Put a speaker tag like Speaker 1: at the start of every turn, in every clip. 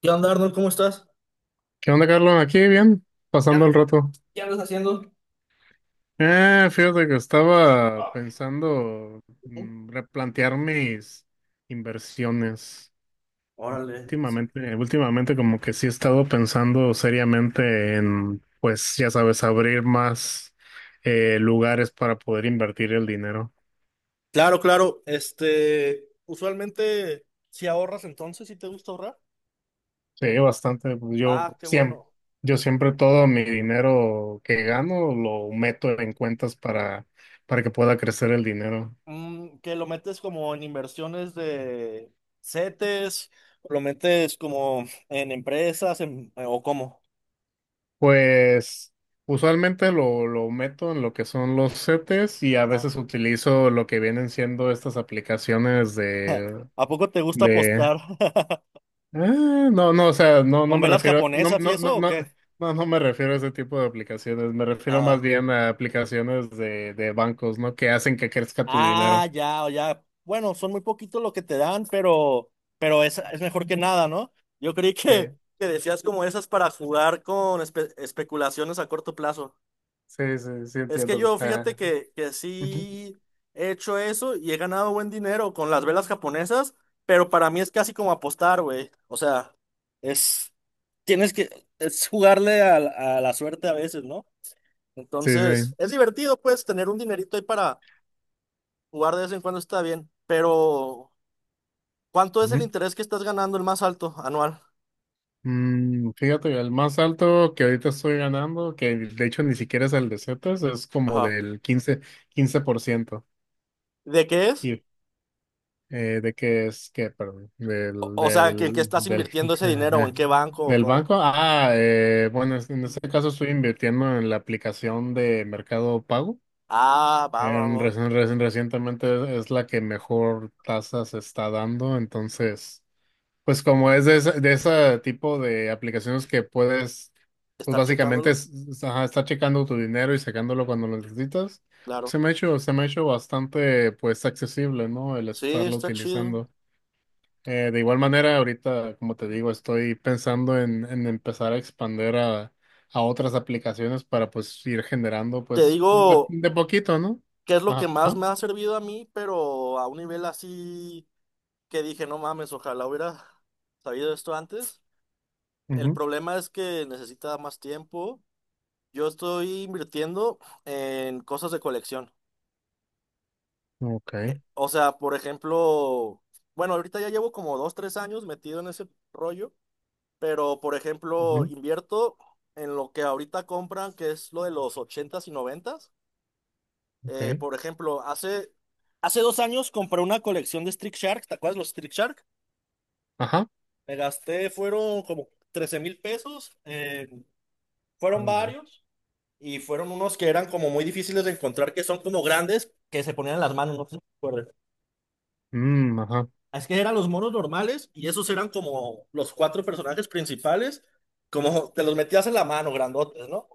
Speaker 1: ¿Qué onda, Arnold? ¿Cómo estás?
Speaker 2: ¿Qué onda, Carlos? Aquí bien,
Speaker 1: ¿Qué,
Speaker 2: pasando
Speaker 1: an-
Speaker 2: el rato.
Speaker 1: qué andas haciendo?
Speaker 2: Fíjate que estaba
Speaker 1: Ah,
Speaker 2: pensando
Speaker 1: ¿no?
Speaker 2: replantear mis inversiones.
Speaker 1: Órale.
Speaker 2: Últimamente como que sí he estado pensando seriamente en, pues ya sabes, abrir más lugares para poder invertir el dinero.
Speaker 1: Claro, claro. Este, usualmente, si ahorras entonces, si te gusta ahorrar.
Speaker 2: Sí, bastante. Pues, Yo
Speaker 1: Ah, qué
Speaker 2: siempre,
Speaker 1: bueno.
Speaker 2: yo siempre todo mi dinero que gano lo meto en cuentas para que pueda crecer el dinero.
Speaker 1: Que lo metes como en inversiones de CETES, lo metes como en empresas, o cómo.
Speaker 2: Pues usualmente lo meto en lo que son los setes y a veces
Speaker 1: Ajá.
Speaker 2: utilizo lo que vienen siendo estas aplicaciones de,
Speaker 1: ¿A poco te gusta
Speaker 2: de
Speaker 1: apostar
Speaker 2: no, no, o sea, no, no
Speaker 1: con
Speaker 2: me
Speaker 1: velas
Speaker 2: refiero, no,
Speaker 1: japonesas y
Speaker 2: no,
Speaker 1: eso
Speaker 2: no,
Speaker 1: o
Speaker 2: no,
Speaker 1: qué?
Speaker 2: no, no me refiero a ese tipo de aplicaciones, me refiero más
Speaker 1: Ah.
Speaker 2: bien a aplicaciones de bancos, ¿no? Que hacen que crezca tu dinero.
Speaker 1: Ah, ya, o ya. Bueno, son muy poquitos lo que te dan, pero es mejor que nada, ¿no? Yo creí
Speaker 2: Sí,
Speaker 1: que decías como esas para jugar con especulaciones a corto plazo.
Speaker 2: sí, sí, sí
Speaker 1: Es que
Speaker 2: entiendo.
Speaker 1: yo, fíjate que sí he hecho eso y he ganado buen dinero con las velas japonesas, pero para mí es casi como apostar, güey. O sea, es, tienes que, es jugarle a la suerte a veces, ¿no?
Speaker 2: Sí,
Speaker 1: Entonces,
Speaker 2: sí.
Speaker 1: es divertido, pues, tener un dinerito ahí. Jugar de vez en cuando está bien, pero ¿cuánto es el interés que estás ganando el más alto anual?
Speaker 2: Fíjate, el más alto que ahorita estoy ganando, que de hecho ni siquiera es el de Zetas, es como
Speaker 1: Ajá.
Speaker 2: del quince por ciento.
Speaker 1: ¿De qué es?
Speaker 2: Y, ¿De qué es? ¿Qué? Perdón.
Speaker 1: O, o sea, ¿En qué estás invirtiendo ese dinero o en qué banco o
Speaker 2: Del
Speaker 1: cómo?
Speaker 2: banco. Ah, bueno, en este caso estoy invirtiendo en la aplicación de Mercado Pago.
Speaker 1: Ah, va, va,
Speaker 2: En,
Speaker 1: va.
Speaker 2: reci- reci- recientemente es la que mejor tasa se está dando, entonces. Pues como es de ese tipo de aplicaciones que puedes, pues
Speaker 1: ¿Estar
Speaker 2: básicamente
Speaker 1: checándolo?
Speaker 2: ajá, estar checando tu dinero y sacándolo cuando lo necesitas,
Speaker 1: Claro.
Speaker 2: se me ha hecho bastante pues accesible, ¿no? El
Speaker 1: Sí,
Speaker 2: estarlo
Speaker 1: está chido.
Speaker 2: utilizando. De igual manera, ahorita, como te digo, estoy pensando en empezar a expander a otras aplicaciones para pues ir generando
Speaker 1: Te
Speaker 2: pues de,
Speaker 1: digo
Speaker 2: de poquito, ¿no?
Speaker 1: qué es lo que
Speaker 2: Ajá.
Speaker 1: más me ha servido a mí, pero a un nivel así que dije, no mames, ojalá hubiera sabido esto antes. El problema es que necesita más tiempo. Yo estoy invirtiendo en cosas de colección.
Speaker 2: Ujú, ok.
Speaker 1: O sea, por ejemplo, bueno, ahorita ya llevo como dos, tres años metido en ese rollo, pero por ejemplo,
Speaker 2: Ujú,
Speaker 1: invierto en lo que ahorita compran, que es lo de los ochentas y noventas.
Speaker 2: ok.
Speaker 1: Por ejemplo, hace 2 años compré una colección de Street Shark, ¿te acuerdas de los Street Shark?
Speaker 2: Ajá.
Speaker 1: Me gasté, fueron como 13,000 pesos, fueron
Speaker 2: Ay, güey.
Speaker 1: varios y fueron unos que eran como muy difíciles de encontrar, que son como grandes, que se ponían en las manos, no sé si.
Speaker 2: Mm, ajá.
Speaker 1: Es que eran los monos normales y esos eran como los cuatro personajes principales, como te los metías en la mano, grandotes, ¿no?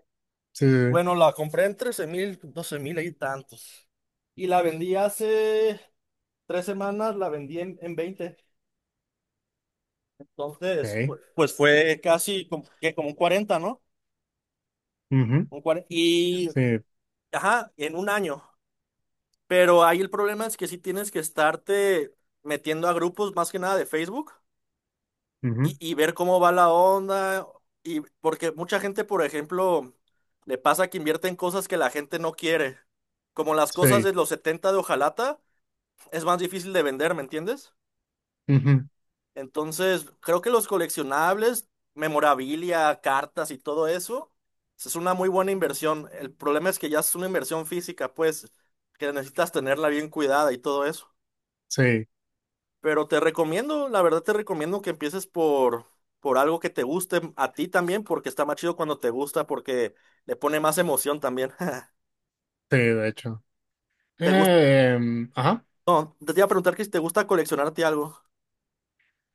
Speaker 2: Sí, sí, sí.
Speaker 1: Bueno, la compré en 13,000, 12,000 y tantos. Y la vendí hace 3 semanas, la vendí en, 20. Entonces,
Speaker 2: Okay.
Speaker 1: pues fue casi como, que como un 40, ¿no?
Speaker 2: Ujú,
Speaker 1: Un cuarenta. Y,
Speaker 2: sí,
Speaker 1: ajá, en un año. Pero ahí el problema es que sí tienes que estarte metiendo a grupos más que nada de Facebook y,
Speaker 2: ujú,
Speaker 1: y ver cómo va la onda. Y porque mucha gente, por ejemplo, le pasa que invierte en cosas que la gente no quiere. Como las cosas
Speaker 2: sí,
Speaker 1: de los 70 de Ojalata, es más difícil de vender, ¿me entiendes?
Speaker 2: ujú,
Speaker 1: Entonces, creo que los coleccionables, memorabilia, cartas y todo eso, es una muy buena inversión. El problema es que ya es una inversión física, pues, que necesitas tenerla bien cuidada y todo eso.
Speaker 2: sí,
Speaker 1: Pero te recomiendo, la verdad te recomiendo que empieces por algo que te guste a ti también, porque está más chido cuando te gusta, porque le pone más emoción también.
Speaker 2: sí, de hecho.
Speaker 1: ¿Te gusta?
Speaker 2: Ajá,
Speaker 1: No, te iba a preguntar que si te gusta coleccionarte algo.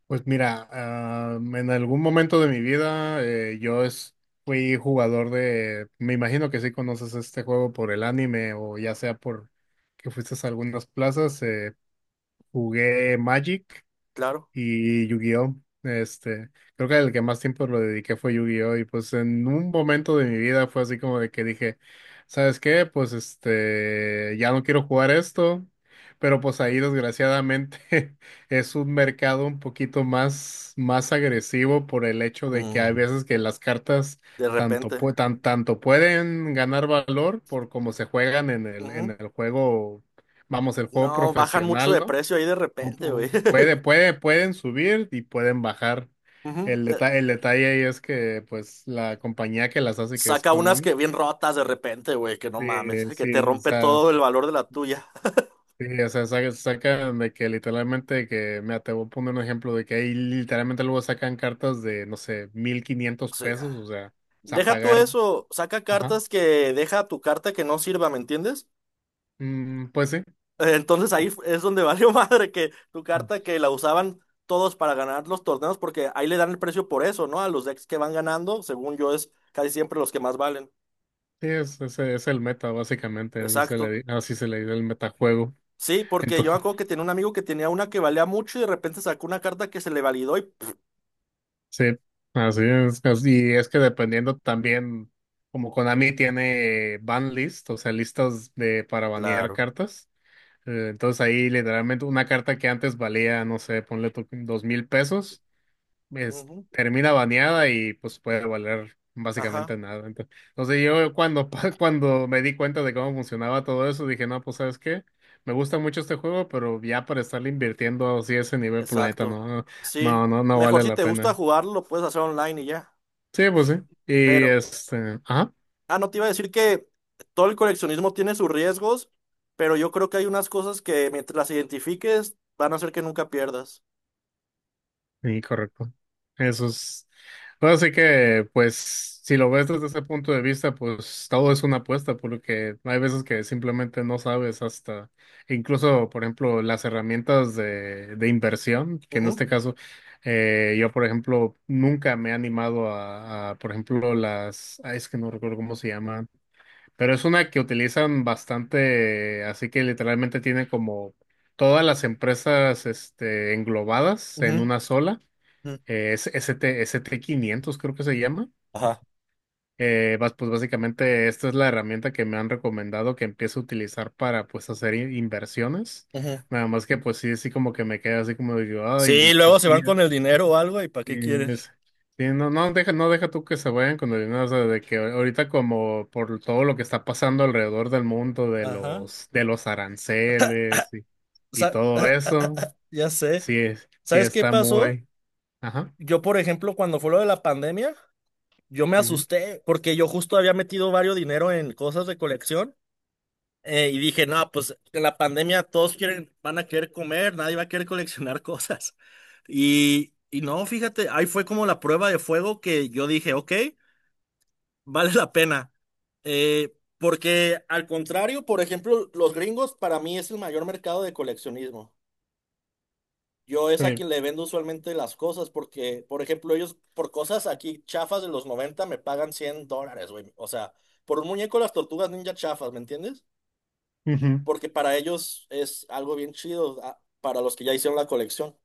Speaker 2: pues mira, en algún momento de mi vida yo fui jugador de, me imagino que sí conoces este juego por el anime o ya sea por que fuiste a algunas plazas, jugué Magic.
Speaker 1: Claro.
Speaker 2: Y Yu-Gi-Oh. Este, Creo que el que más tiempo lo dediqué fue Yu-Gi-Oh! Y pues en un momento de mi vida fue así como de que dije, ¿sabes qué? Pues ya no quiero jugar esto. Pero pues ahí desgraciadamente es un mercado un poquito más agresivo por el hecho de que hay
Speaker 1: Mm,
Speaker 2: veces que las cartas
Speaker 1: de
Speaker 2: tanto,
Speaker 1: repente.
Speaker 2: pue- tan- tanto pueden ganar valor por cómo se juegan en el, en
Speaker 1: Ujú.
Speaker 2: el juego, vamos, el juego
Speaker 1: No, bajan mucho
Speaker 2: profesional,
Speaker 1: de
Speaker 2: ¿no?
Speaker 1: precio ahí de
Speaker 2: O-
Speaker 1: repente,
Speaker 2: o-
Speaker 1: güey.
Speaker 2: Puede, puede, pueden subir y pueden bajar.
Speaker 1: Ujú.
Speaker 2: El detalle, el detalle ahí es que, pues, la compañía que las hace, que es
Speaker 1: Saca unas
Speaker 2: Konami,
Speaker 1: que bien rotas de repente, güey, que no mames,
Speaker 2: sí,
Speaker 1: que te rompe todo
Speaker 2: sí,
Speaker 1: el valor de la tuya.
Speaker 2: o sea, sacan de que literalmente, que, mira, te voy a poner un ejemplo de que ahí literalmente luego sacan cartas de, no sé, mil quinientos
Speaker 1: Sí.
Speaker 2: pesos, o sea,
Speaker 1: Deja tú
Speaker 2: pagar,
Speaker 1: eso, saca
Speaker 2: ajá,
Speaker 1: cartas que deja tu carta que no sirva, ¿me entiendes?
Speaker 2: Mm, pues sí.
Speaker 1: Entonces ahí es donde valió madre que tu carta que la usaban todos para ganar los torneos, porque ahí le dan el precio por eso, ¿no? A los decks que van ganando, según yo, es casi siempre los que más valen.
Speaker 2: Sí, es el meta, básicamente, así se le,
Speaker 1: Exacto.
Speaker 2: di- así se le dice el metajuego.
Speaker 1: Sí, porque yo me acuerdo que tenía un amigo que tenía una que valía mucho y de repente sacó una carta que se le validó y... pff.
Speaker 2: Sí, así es. Y es que dependiendo también, como Konami tiene ban list, o sea, listas de para banear
Speaker 1: Claro.
Speaker 2: cartas. Entonces ahí literalmente una carta que antes valía, no sé, ponle tú 2,000 pesos, es,
Speaker 1: Ujú.
Speaker 2: termina baneada y pues puede valer
Speaker 1: Ajá,
Speaker 2: básicamente nada. Entonces, cuando me di cuenta de cómo funcionaba todo eso, dije, no, pues ¿sabes qué? Me gusta mucho este juego, pero ya para estarle invirtiendo así a ese nivel, planeta,
Speaker 1: exacto.
Speaker 2: no, no,
Speaker 1: Sí.
Speaker 2: no, no no
Speaker 1: Mejor
Speaker 2: vale
Speaker 1: si
Speaker 2: la
Speaker 1: te gusta
Speaker 2: pena.
Speaker 1: jugarlo, lo puedes hacer online y ya.
Speaker 2: Sí, pues sí. Y
Speaker 1: Pero.
Speaker 2: ajá,
Speaker 1: Ah, no te iba a decir que todo el coleccionismo tiene sus riesgos, pero yo creo que hay unas cosas que mientras las identifiques van a hacer que nunca pierdas.
Speaker 2: sí, correcto. Eso es. Bueno, así que, pues, si lo ves desde ese punto de vista, pues todo es una apuesta, porque hay veces que simplemente no sabes hasta, incluso, por ejemplo, las herramientas de inversión, que en
Speaker 1: Ujú,
Speaker 2: este caso, yo, por ejemplo, nunca me he animado a, por ejemplo, las, ay, es que no recuerdo cómo se llaman. Pero es una que utilizan bastante, así que literalmente tiene como todas las empresas englobadas en
Speaker 1: ujú,
Speaker 2: una sola.
Speaker 1: ujú.
Speaker 2: Es ST 500, creo que se llama.
Speaker 1: Ajá.
Speaker 2: Pues básicamente esta es la herramienta que me han recomendado que empiece a utilizar para pues hacer inversiones.
Speaker 1: Ujú.
Speaker 2: Nada más que pues sí, sí como que me queda así como digo, ay,
Speaker 1: Sí, luego
Speaker 2: pues
Speaker 1: se
Speaker 2: sí.
Speaker 1: van con el dinero o algo y ¿para
Speaker 2: Sí,
Speaker 1: qué quieres?
Speaker 2: es- sí, no, no deja tú que se vayan con el dinero, o sea, de que ahorita como por todo lo que está pasando alrededor del mundo de
Speaker 1: Ajá.
Speaker 2: los, de los aranceles y
Speaker 1: Sa-
Speaker 2: todo eso,
Speaker 1: ya sé.
Speaker 2: sí, sí
Speaker 1: ¿Sabes qué
Speaker 2: está
Speaker 1: pasó?
Speaker 2: muy, ajá,
Speaker 1: Yo, por ejemplo, cuando fue lo de la pandemia, yo me
Speaker 2: ujú,
Speaker 1: asusté porque yo justo había metido varios dinero en cosas de colección. Y dije, no, pues en la pandemia todos quieren, van a querer comer, nadie va a querer coleccionar cosas. Y no, fíjate, ahí fue como la prueba de fuego que yo dije, ok, vale la pena. Porque al contrario, por ejemplo, los gringos para mí es el mayor mercado de coleccionismo. Yo es a
Speaker 2: sí,
Speaker 1: quien le vendo usualmente las cosas porque, por ejemplo, ellos por cosas aquí chafas de los 90 me pagan $100, güey. O sea, por un muñeco de las tortugas ninja chafas, ¿me entiendes?
Speaker 2: ujú.
Speaker 1: Porque para ellos es algo bien chido, para los que ya hicieron la colección.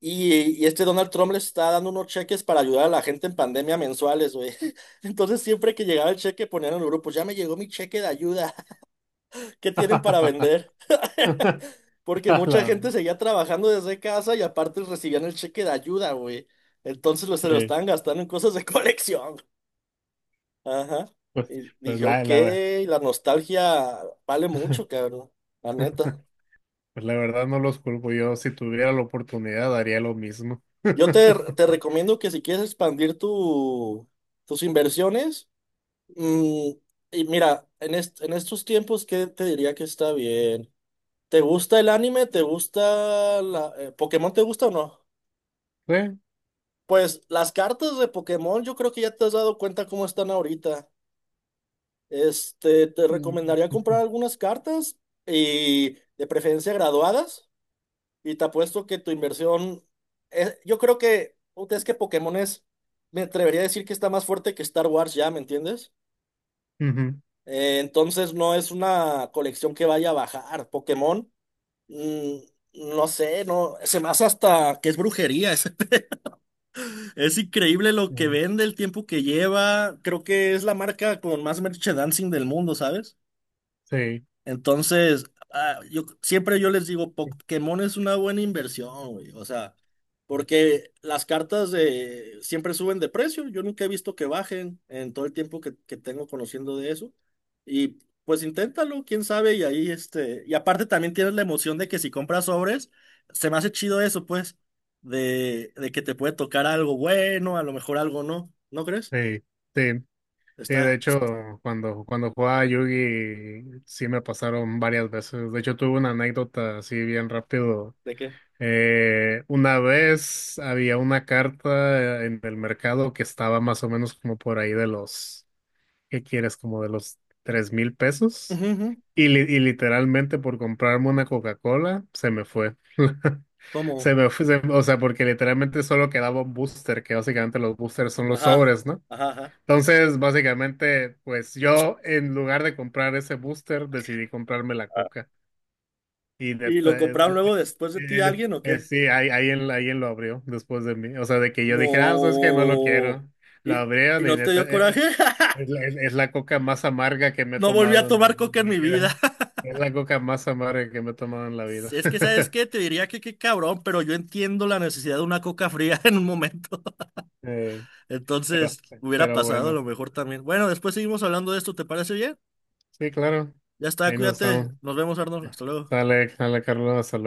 Speaker 1: Y este Donald Trump le está dando unos cheques para ayudar a la gente en pandemia mensuales, güey. Entonces siempre que llegaba el cheque ponían en el grupo, ya me llegó mi cheque de ayuda, ¿qué tienen para vender? Porque
Speaker 2: A
Speaker 1: mucha
Speaker 2: la-
Speaker 1: gente seguía trabajando desde casa y aparte recibían el cheque de ayuda, güey. Entonces se lo
Speaker 2: sí,
Speaker 1: estaban gastando en cosas de colección. Ajá.
Speaker 2: pues,
Speaker 1: Y
Speaker 2: pues
Speaker 1: dije, ok, la nostalgia vale mucho, cabrón. La neta.
Speaker 2: pues la verdad no los culpo, yo si tuviera la oportunidad haría lo mismo.
Speaker 1: Yo te recomiendo que si quieres expandir tu, tus inversiones, mm, y mira, en estos tiempos, ¿qué te diría que está bien? ¿Te gusta el anime? ¿Te gusta Pokémon? ¿Te gusta o no?
Speaker 2: Sí.
Speaker 1: Pues las cartas de Pokémon, yo creo que ya te has dado cuenta cómo están ahorita. Este, te recomendaría
Speaker 2: Mm,
Speaker 1: comprar algunas cartas y de preferencia graduadas. Y te apuesto que tu inversión, yo creo que, puta, es que Pokémon es, me atrevería a decir que está más fuerte que Star Wars ya, ¿me entiendes?
Speaker 2: ujú, ujú,
Speaker 1: Entonces no es una colección que vaya a bajar. Pokémon, mm, no sé, no, se me hace hasta que es brujería. Es, es increíble lo que
Speaker 2: ujú.
Speaker 1: vende, el tiempo que lleva. Creo que es la marca con más merchandising del mundo, ¿sabes?
Speaker 2: Sí.
Speaker 1: Entonces, yo siempre yo les digo,
Speaker 2: Sí,
Speaker 1: Pokémon es una buena inversión, güey. O sea, porque las cartas de siempre suben de precio. Yo nunca he visto que bajen en todo el tiempo que tengo conociendo de eso. Y pues inténtalo, quién sabe, y ahí este. Y aparte también tienes la emoción de que si compras sobres, se me hace chido eso, pues, de que te puede tocar algo bueno, a lo mejor algo no. ¿No crees?
Speaker 2: sí. Sí, de
Speaker 1: Está.
Speaker 2: hecho, cuando jugaba Yugi, sí me pasaron varias veces. De hecho, tuve una anécdota así bien rápido.
Speaker 1: ¿De qué?
Speaker 2: Una vez había una carta en el mercado que estaba más o menos como por ahí de los, ¿qué quieres? Como de los 3,000 pesos.
Speaker 1: Ujú, ujú.
Speaker 2: Y literalmente por comprarme una Coca-Cola, se me fue. Se
Speaker 1: ¿Cómo?
Speaker 2: me fue, o sea, porque literalmente solo quedaba un booster, que básicamente los boosters son los
Speaker 1: Ajá,
Speaker 2: sobres, ¿no?
Speaker 1: ajá,
Speaker 2: Entonces, básicamente, pues yo en lugar de comprar ese booster, decidí comprarme la
Speaker 1: ajá.
Speaker 2: coca. Y
Speaker 1: ¿Y lo
Speaker 2: neta,
Speaker 1: compraron luego después de ti alguien o qué?
Speaker 2: sí, ahí él lo abrió después de mí. O sea, de que yo
Speaker 1: No.
Speaker 2: dije, ah, sabes que no lo quiero.
Speaker 1: ¿Y,
Speaker 2: Lo
Speaker 1: y
Speaker 2: abrieron y
Speaker 1: no te
Speaker 2: neta,
Speaker 1: dio coraje?
Speaker 2: es la coca más amarga que me he
Speaker 1: No volví a
Speaker 2: tomado en
Speaker 1: tomar
Speaker 2: mi
Speaker 1: coca en mi vida.
Speaker 2: vida. Es la coca más amarga que me he tomado en la vida.
Speaker 1: Es que, ¿sabes qué? Te diría que qué cabrón, pero yo entiendo la necesidad de una coca fría en un momento.
Speaker 2: Eh, pero,
Speaker 1: Entonces, hubiera
Speaker 2: pero
Speaker 1: pasado a
Speaker 2: bueno,
Speaker 1: lo mejor también. Bueno, después seguimos hablando de esto, ¿te parece bien?
Speaker 2: sí, claro.
Speaker 1: Ya está,
Speaker 2: Ahí nos
Speaker 1: cuídate.
Speaker 2: estamos.
Speaker 1: Nos vemos, Arnold. Hasta luego.
Speaker 2: Sale, sale, Carlos, hasta luego.